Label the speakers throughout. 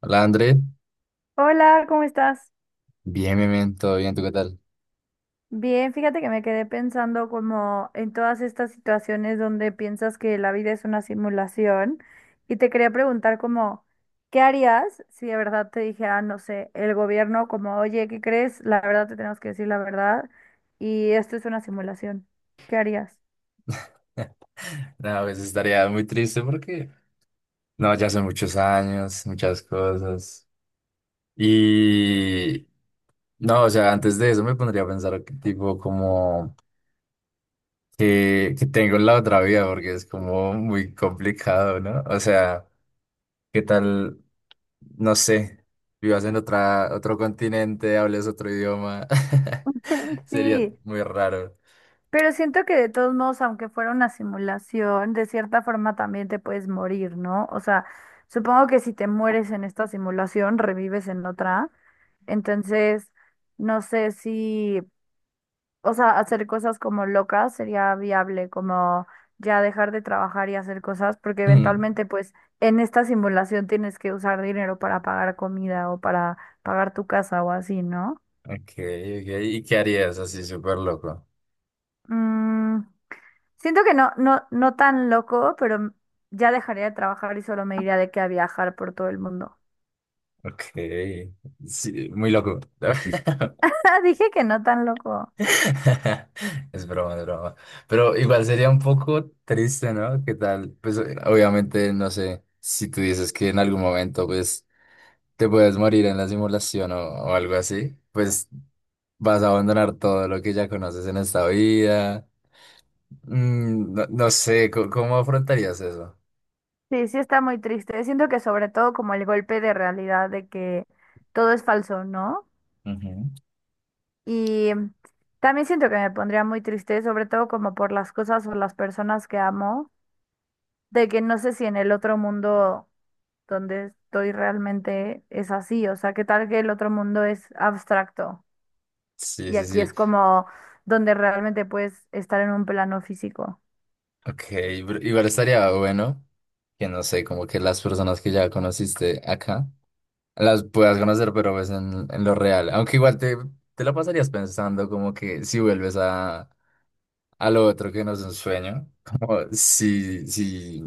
Speaker 1: Hola, André.
Speaker 2: Hola, ¿cómo estás?
Speaker 1: Bien, bien, bien, todo bien, ¿tú qué tal?
Speaker 2: Bien, fíjate que me quedé pensando como en todas estas situaciones donde piensas que la vida es una simulación y te quería preguntar como, ¿qué harías si de verdad te dijera, no sé, el gobierno como, oye, ¿qué crees? La verdad te tenemos que decir la verdad y esto es una simulación. ¿Qué harías?
Speaker 1: No, pues estaría muy triste porque, no, ya son muchos años, muchas cosas. Y, no, o sea, antes de eso me pondría a pensar, que, tipo, como que tengo en la otra vida, porque es como muy complicado, ¿no? O sea, ¿qué tal, no sé, vivas en otro continente, hables otro idioma? Sería
Speaker 2: Sí.
Speaker 1: muy raro.
Speaker 2: Pero siento que de todos modos, aunque fuera una simulación, de cierta forma también te puedes morir, ¿no? O sea, supongo que si te mueres en esta simulación, revives en otra. Entonces, no sé si, o sea, hacer cosas como locas sería viable, como ya dejar de trabajar y hacer cosas, porque
Speaker 1: Mm.
Speaker 2: eventualmente, pues, en esta simulación tienes que usar dinero para pagar comida o para pagar tu casa o así, ¿no?
Speaker 1: Ok, ok, ¿y qué harías así súper loco?
Speaker 2: Mm. Siento que no tan loco, pero ya dejaría de trabajar y solo me iría de que a viajar por todo el mundo.
Speaker 1: Ok, sí, muy loco.
Speaker 2: Dije que no tan loco.
Speaker 1: Es broma, es broma. Pero igual sería un poco triste, ¿no? ¿Qué tal? Pues obviamente, no sé, si tú dices que en algún momento, pues, te puedes morir en la simulación o algo así, pues vas a abandonar todo lo que ya conoces en esta vida. No, no sé, cómo afrontarías eso?
Speaker 2: Sí, sí está muy triste. Siento que sobre todo como el golpe de realidad de que todo es falso, ¿no?
Speaker 1: Ujú.
Speaker 2: Y también siento que me pondría muy triste, sobre todo como por las cosas o las personas que amo, de que no sé si en el otro mundo donde estoy realmente es así, o sea, qué tal que el otro mundo es abstracto.
Speaker 1: Sí,
Speaker 2: Y
Speaker 1: sí,
Speaker 2: aquí
Speaker 1: sí.
Speaker 2: es como donde realmente puedes estar en un plano físico.
Speaker 1: Ok, pero igual estaría bueno que no sé, como que las personas que ya conociste acá las puedas conocer, pero pues en lo real. Aunque igual te la pasarías pensando como que si vuelves a lo otro que no es un sueño, como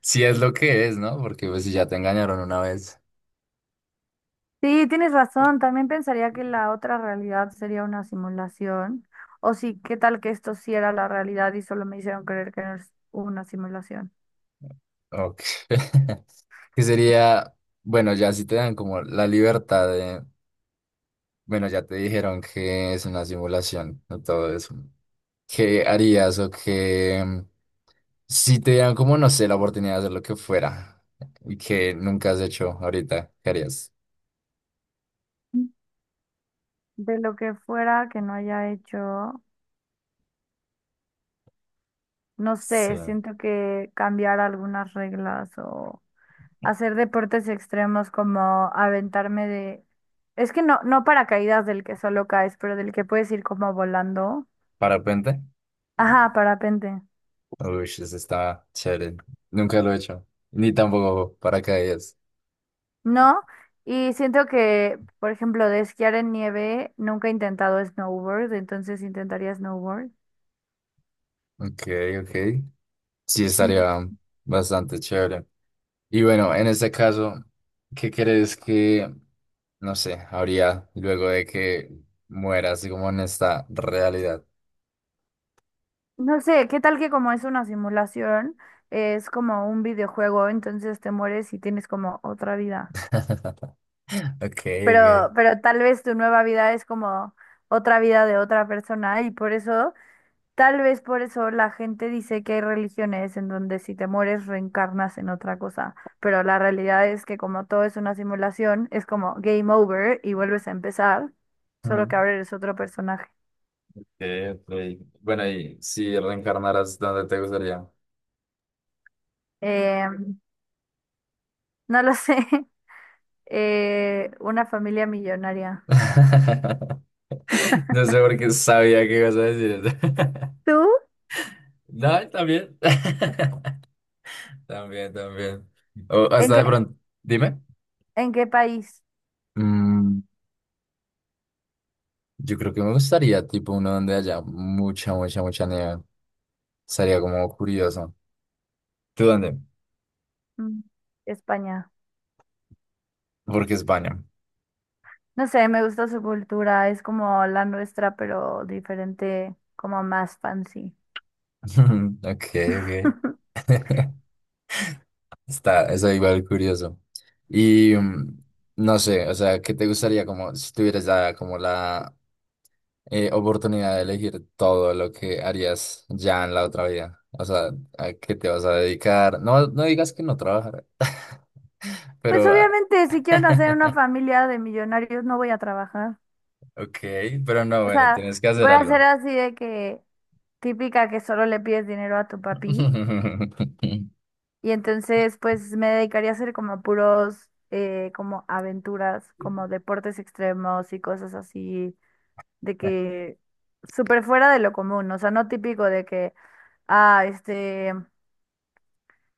Speaker 1: si es lo que es, ¿no? Porque pues si ya te engañaron una vez,
Speaker 2: Sí, tienes razón. También pensaría que la otra realidad sería una simulación. O sí, ¿qué tal que esto sí era la realidad y solo me hicieron creer que no es una simulación?
Speaker 1: ok. Que sería, bueno, ya si te dan como la libertad de, bueno, ya te dijeron que es una simulación, no todo eso. ¿Qué harías o qué? Si te dieran como, no sé, la oportunidad de hacer lo que fuera y que nunca has hecho ahorita, ¿qué harías?
Speaker 2: Mm. De lo que fuera que no haya hecho, no
Speaker 1: Sí.
Speaker 2: sé, siento que cambiar algunas reglas o hacer deportes extremos como aventarme de... Es que no paracaídas del que solo caes, pero del que puedes ir como volando.
Speaker 1: ¿Parapente?
Speaker 2: Ajá, parapente.
Speaker 1: Uy, eso está chévere. Nunca lo he hecho. Ni tampoco paracaídas.
Speaker 2: No, y siento que, por ejemplo, de esquiar en nieve, nunca he intentado snowboard, entonces intentaría snowboard.
Speaker 1: Ok, ok. Sí,
Speaker 2: Mm,
Speaker 1: estaría bastante chévere. Y bueno, en este caso, ¿qué crees que, no sé, habría luego de que mueras como en esta realidad?
Speaker 2: No sé, ¿qué tal que como es una simulación, es como un videojuego, entonces te mueres y tienes como otra vida?
Speaker 1: Ok,
Speaker 2: Pero tal vez tu nueva vida es como otra vida de otra persona y por eso tal vez por eso la gente dice que hay religiones en donde si te mueres reencarnas en otra cosa, pero la realidad es que como todo es una simulación, es como game over y vuelves a empezar, solo
Speaker 1: ok.
Speaker 2: que ahora eres otro personaje.
Speaker 1: Rey. Bueno, y si reencarnaras, ¿dónde te gustaría?
Speaker 2: Eh, no lo sé, una familia millonaria.
Speaker 1: No sé por qué sabía que ibas a decir eso.
Speaker 2: ¿Tú?
Speaker 1: No, también. También, también. O
Speaker 2: ¿En
Speaker 1: hasta
Speaker 2: qué,
Speaker 1: de pronto. Dime.
Speaker 2: en qué país?
Speaker 1: Mm, yo creo que me gustaría, tipo, uno donde haya mucha, mucha, mucha nieve. Sería como curioso. ¿Tú dónde?
Speaker 2: Mm, España.
Speaker 1: Porque España.
Speaker 2: No sé, me gusta su cultura, es como la nuestra, pero diferente, como más fancy.
Speaker 1: Ok, ok. Está, eso igual curioso. Y no sé, o sea, ¿qué te gustaría como si tuvieras ya como la oportunidad de elegir todo lo que harías ya en la otra vida? O sea, ¿a qué te vas a dedicar? No, no digas que no trabajar,
Speaker 2: Pues
Speaker 1: pero... ah,
Speaker 2: obviamente, si quiero hacer una familia de millonarios, no voy a trabajar.
Speaker 1: Ok, pero no,
Speaker 2: O
Speaker 1: bueno,
Speaker 2: sea,
Speaker 1: tienes que hacer
Speaker 2: voy a hacer
Speaker 1: algo.
Speaker 2: así de que típica que solo le pides dinero a tu papi. Y entonces, pues me dedicaría a hacer como puros, como aventuras, como deportes extremos y cosas así, de que súper fuera de lo común. O sea, no típico de que, ah, este,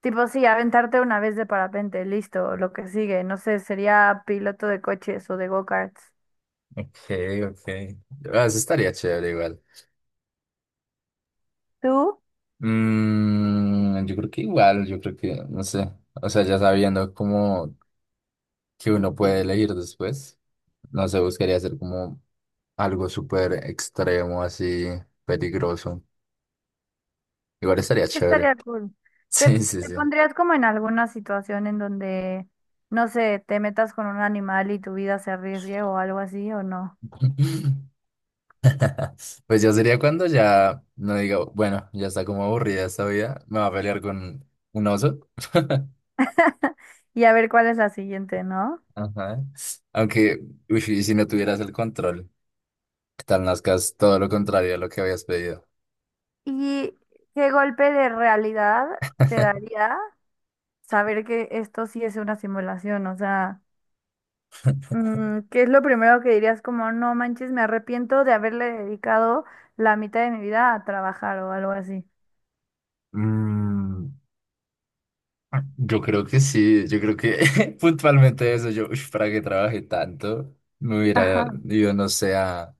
Speaker 2: tipo, sí, aventarte una vez de parapente, listo, lo que sigue. No sé, sería piloto de coches o de go-karts.
Speaker 1: Ok, ok. Ah, eso estaría chévere igual.
Speaker 2: ¿Tú?
Speaker 1: Yo creo que igual, yo creo que, no sé, o sea, ya sabiendo como que uno puede elegir después, no sé, buscaría hacer como algo súper extremo, así, peligroso. Igual estaría chévere.
Speaker 2: Estaría cool. ¿Te,
Speaker 1: Sí, sí,
Speaker 2: te
Speaker 1: sí.
Speaker 2: pondrías como en alguna situación en donde, no sé, te metas con un animal y tu vida se arriesgue o algo así o no?
Speaker 1: Pues ya sería cuando ya no diga, bueno, ya está como aburrida esta vida, me va a pelear con un oso.
Speaker 2: Y a ver cuál es la siguiente, ¿no?
Speaker 1: Ajá. Aunque, uy, y si no tuvieras el control, que tal nazcas todo lo contrario a lo que habías pedido?
Speaker 2: ¿Y qué golpe de realidad te daría saber que esto sí es una simulación? O sea, ¿qué es lo primero que dirías como, no manches, me arrepiento de haberle dedicado la mitad de mi vida a trabajar o algo así?
Speaker 1: Mm. Yo creo que sí, yo creo que puntualmente eso, yo, "Ush, para que trabaje tanto, me hubiera
Speaker 2: Ajá.
Speaker 1: ido, no sé,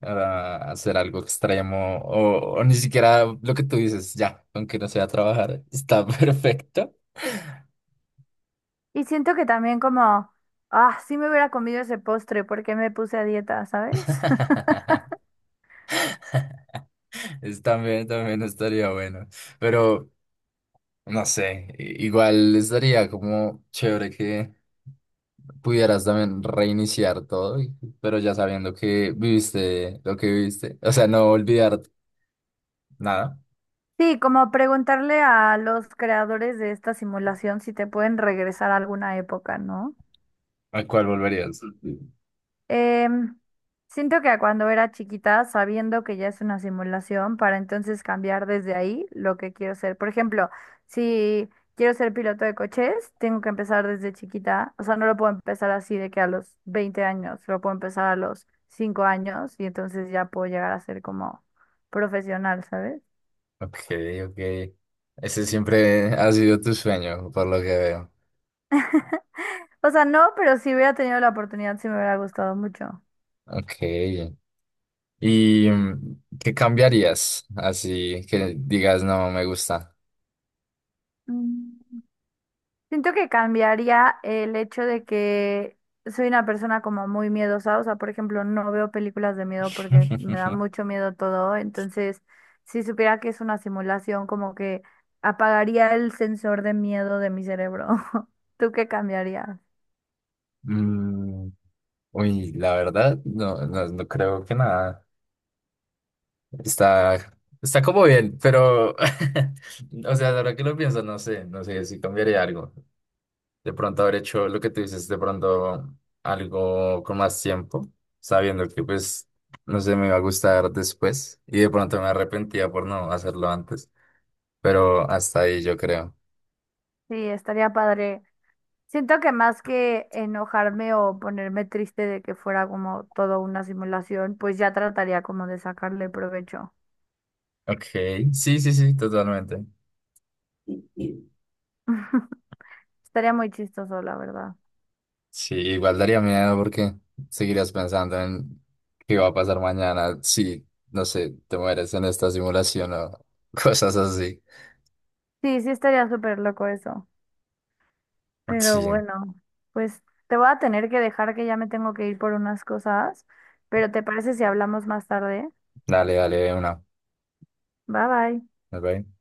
Speaker 1: a hacer algo extremo o ni siquiera lo que tú dices, ya, aunque no sea trabajar, está perfecto".
Speaker 2: Y siento que también como, ah, sí me hubiera comido ese postre porque me puse a dieta, ¿sabes?
Speaker 1: Es también, también estaría bueno, pero no sé, igual estaría como chévere que pudieras también reiniciar todo, pero ya sabiendo que viviste lo que viviste, o sea, no olvidar nada.
Speaker 2: Sí, como preguntarle a los creadores de esta simulación si te pueden regresar a alguna época, ¿no?
Speaker 1: ¿A cuál volverías? Sí.
Speaker 2: Em, siento que cuando era chiquita, sabiendo que ya es una simulación, para entonces cambiar desde ahí lo que quiero ser. Por ejemplo, si quiero ser piloto de coches, tengo que empezar desde chiquita. O sea, no lo puedo empezar así de que a los 20 años, lo puedo empezar a los 5 años y entonces ya puedo llegar a ser como profesional, ¿sabes?
Speaker 1: Ok, ok. Ese siempre ha sido tu sueño, por lo que veo.
Speaker 2: O sea, no, pero si hubiera tenido la oportunidad, sí me hubiera gustado mucho.
Speaker 1: Ok. ¿Y qué cambiarías? Así que digas, no, me gusta.
Speaker 2: Mm. Siento que cambiaría el hecho de que soy una persona como muy miedosa, o sea, por ejemplo, no veo películas de miedo porque me da mucho miedo todo, entonces si supiera que es una simulación, como que apagaría el sensor de miedo de mi cerebro. ¿Tú qué cambiarías?
Speaker 1: Mm, Uy, la verdad, no, no, no creo que nada. Está como bien, pero, o sea, ahora que lo pienso, no sé, no sé si cambiaría algo. De pronto haber hecho lo que tú dices, de pronto algo con más tiempo, sabiendo que pues no sé, me iba a gustar después y de pronto me arrepentía por no hacerlo antes, pero hasta ahí yo creo.
Speaker 2: Sí, estaría padre. Siento que más que enojarme o ponerme triste de que fuera como todo una simulación, pues ya trataría como de sacarle provecho.
Speaker 1: Ok, sí, sí, sí, totalmente.
Speaker 2: Estaría muy chistoso, la verdad.
Speaker 1: Sí, igual daría miedo porque seguirías pensando en qué va a pasar mañana si, no sé, te mueres en esta simulación o cosas así.
Speaker 2: Sí, sí estaría súper loco eso. Pero
Speaker 1: Sí,
Speaker 2: bueno, pues te voy a tener que dejar que ya me tengo que ir por unas cosas, pero ¿te parece si hablamos más tarde?
Speaker 1: dale, dale, de una.
Speaker 2: Bye bye.
Speaker 1: ¿Ok?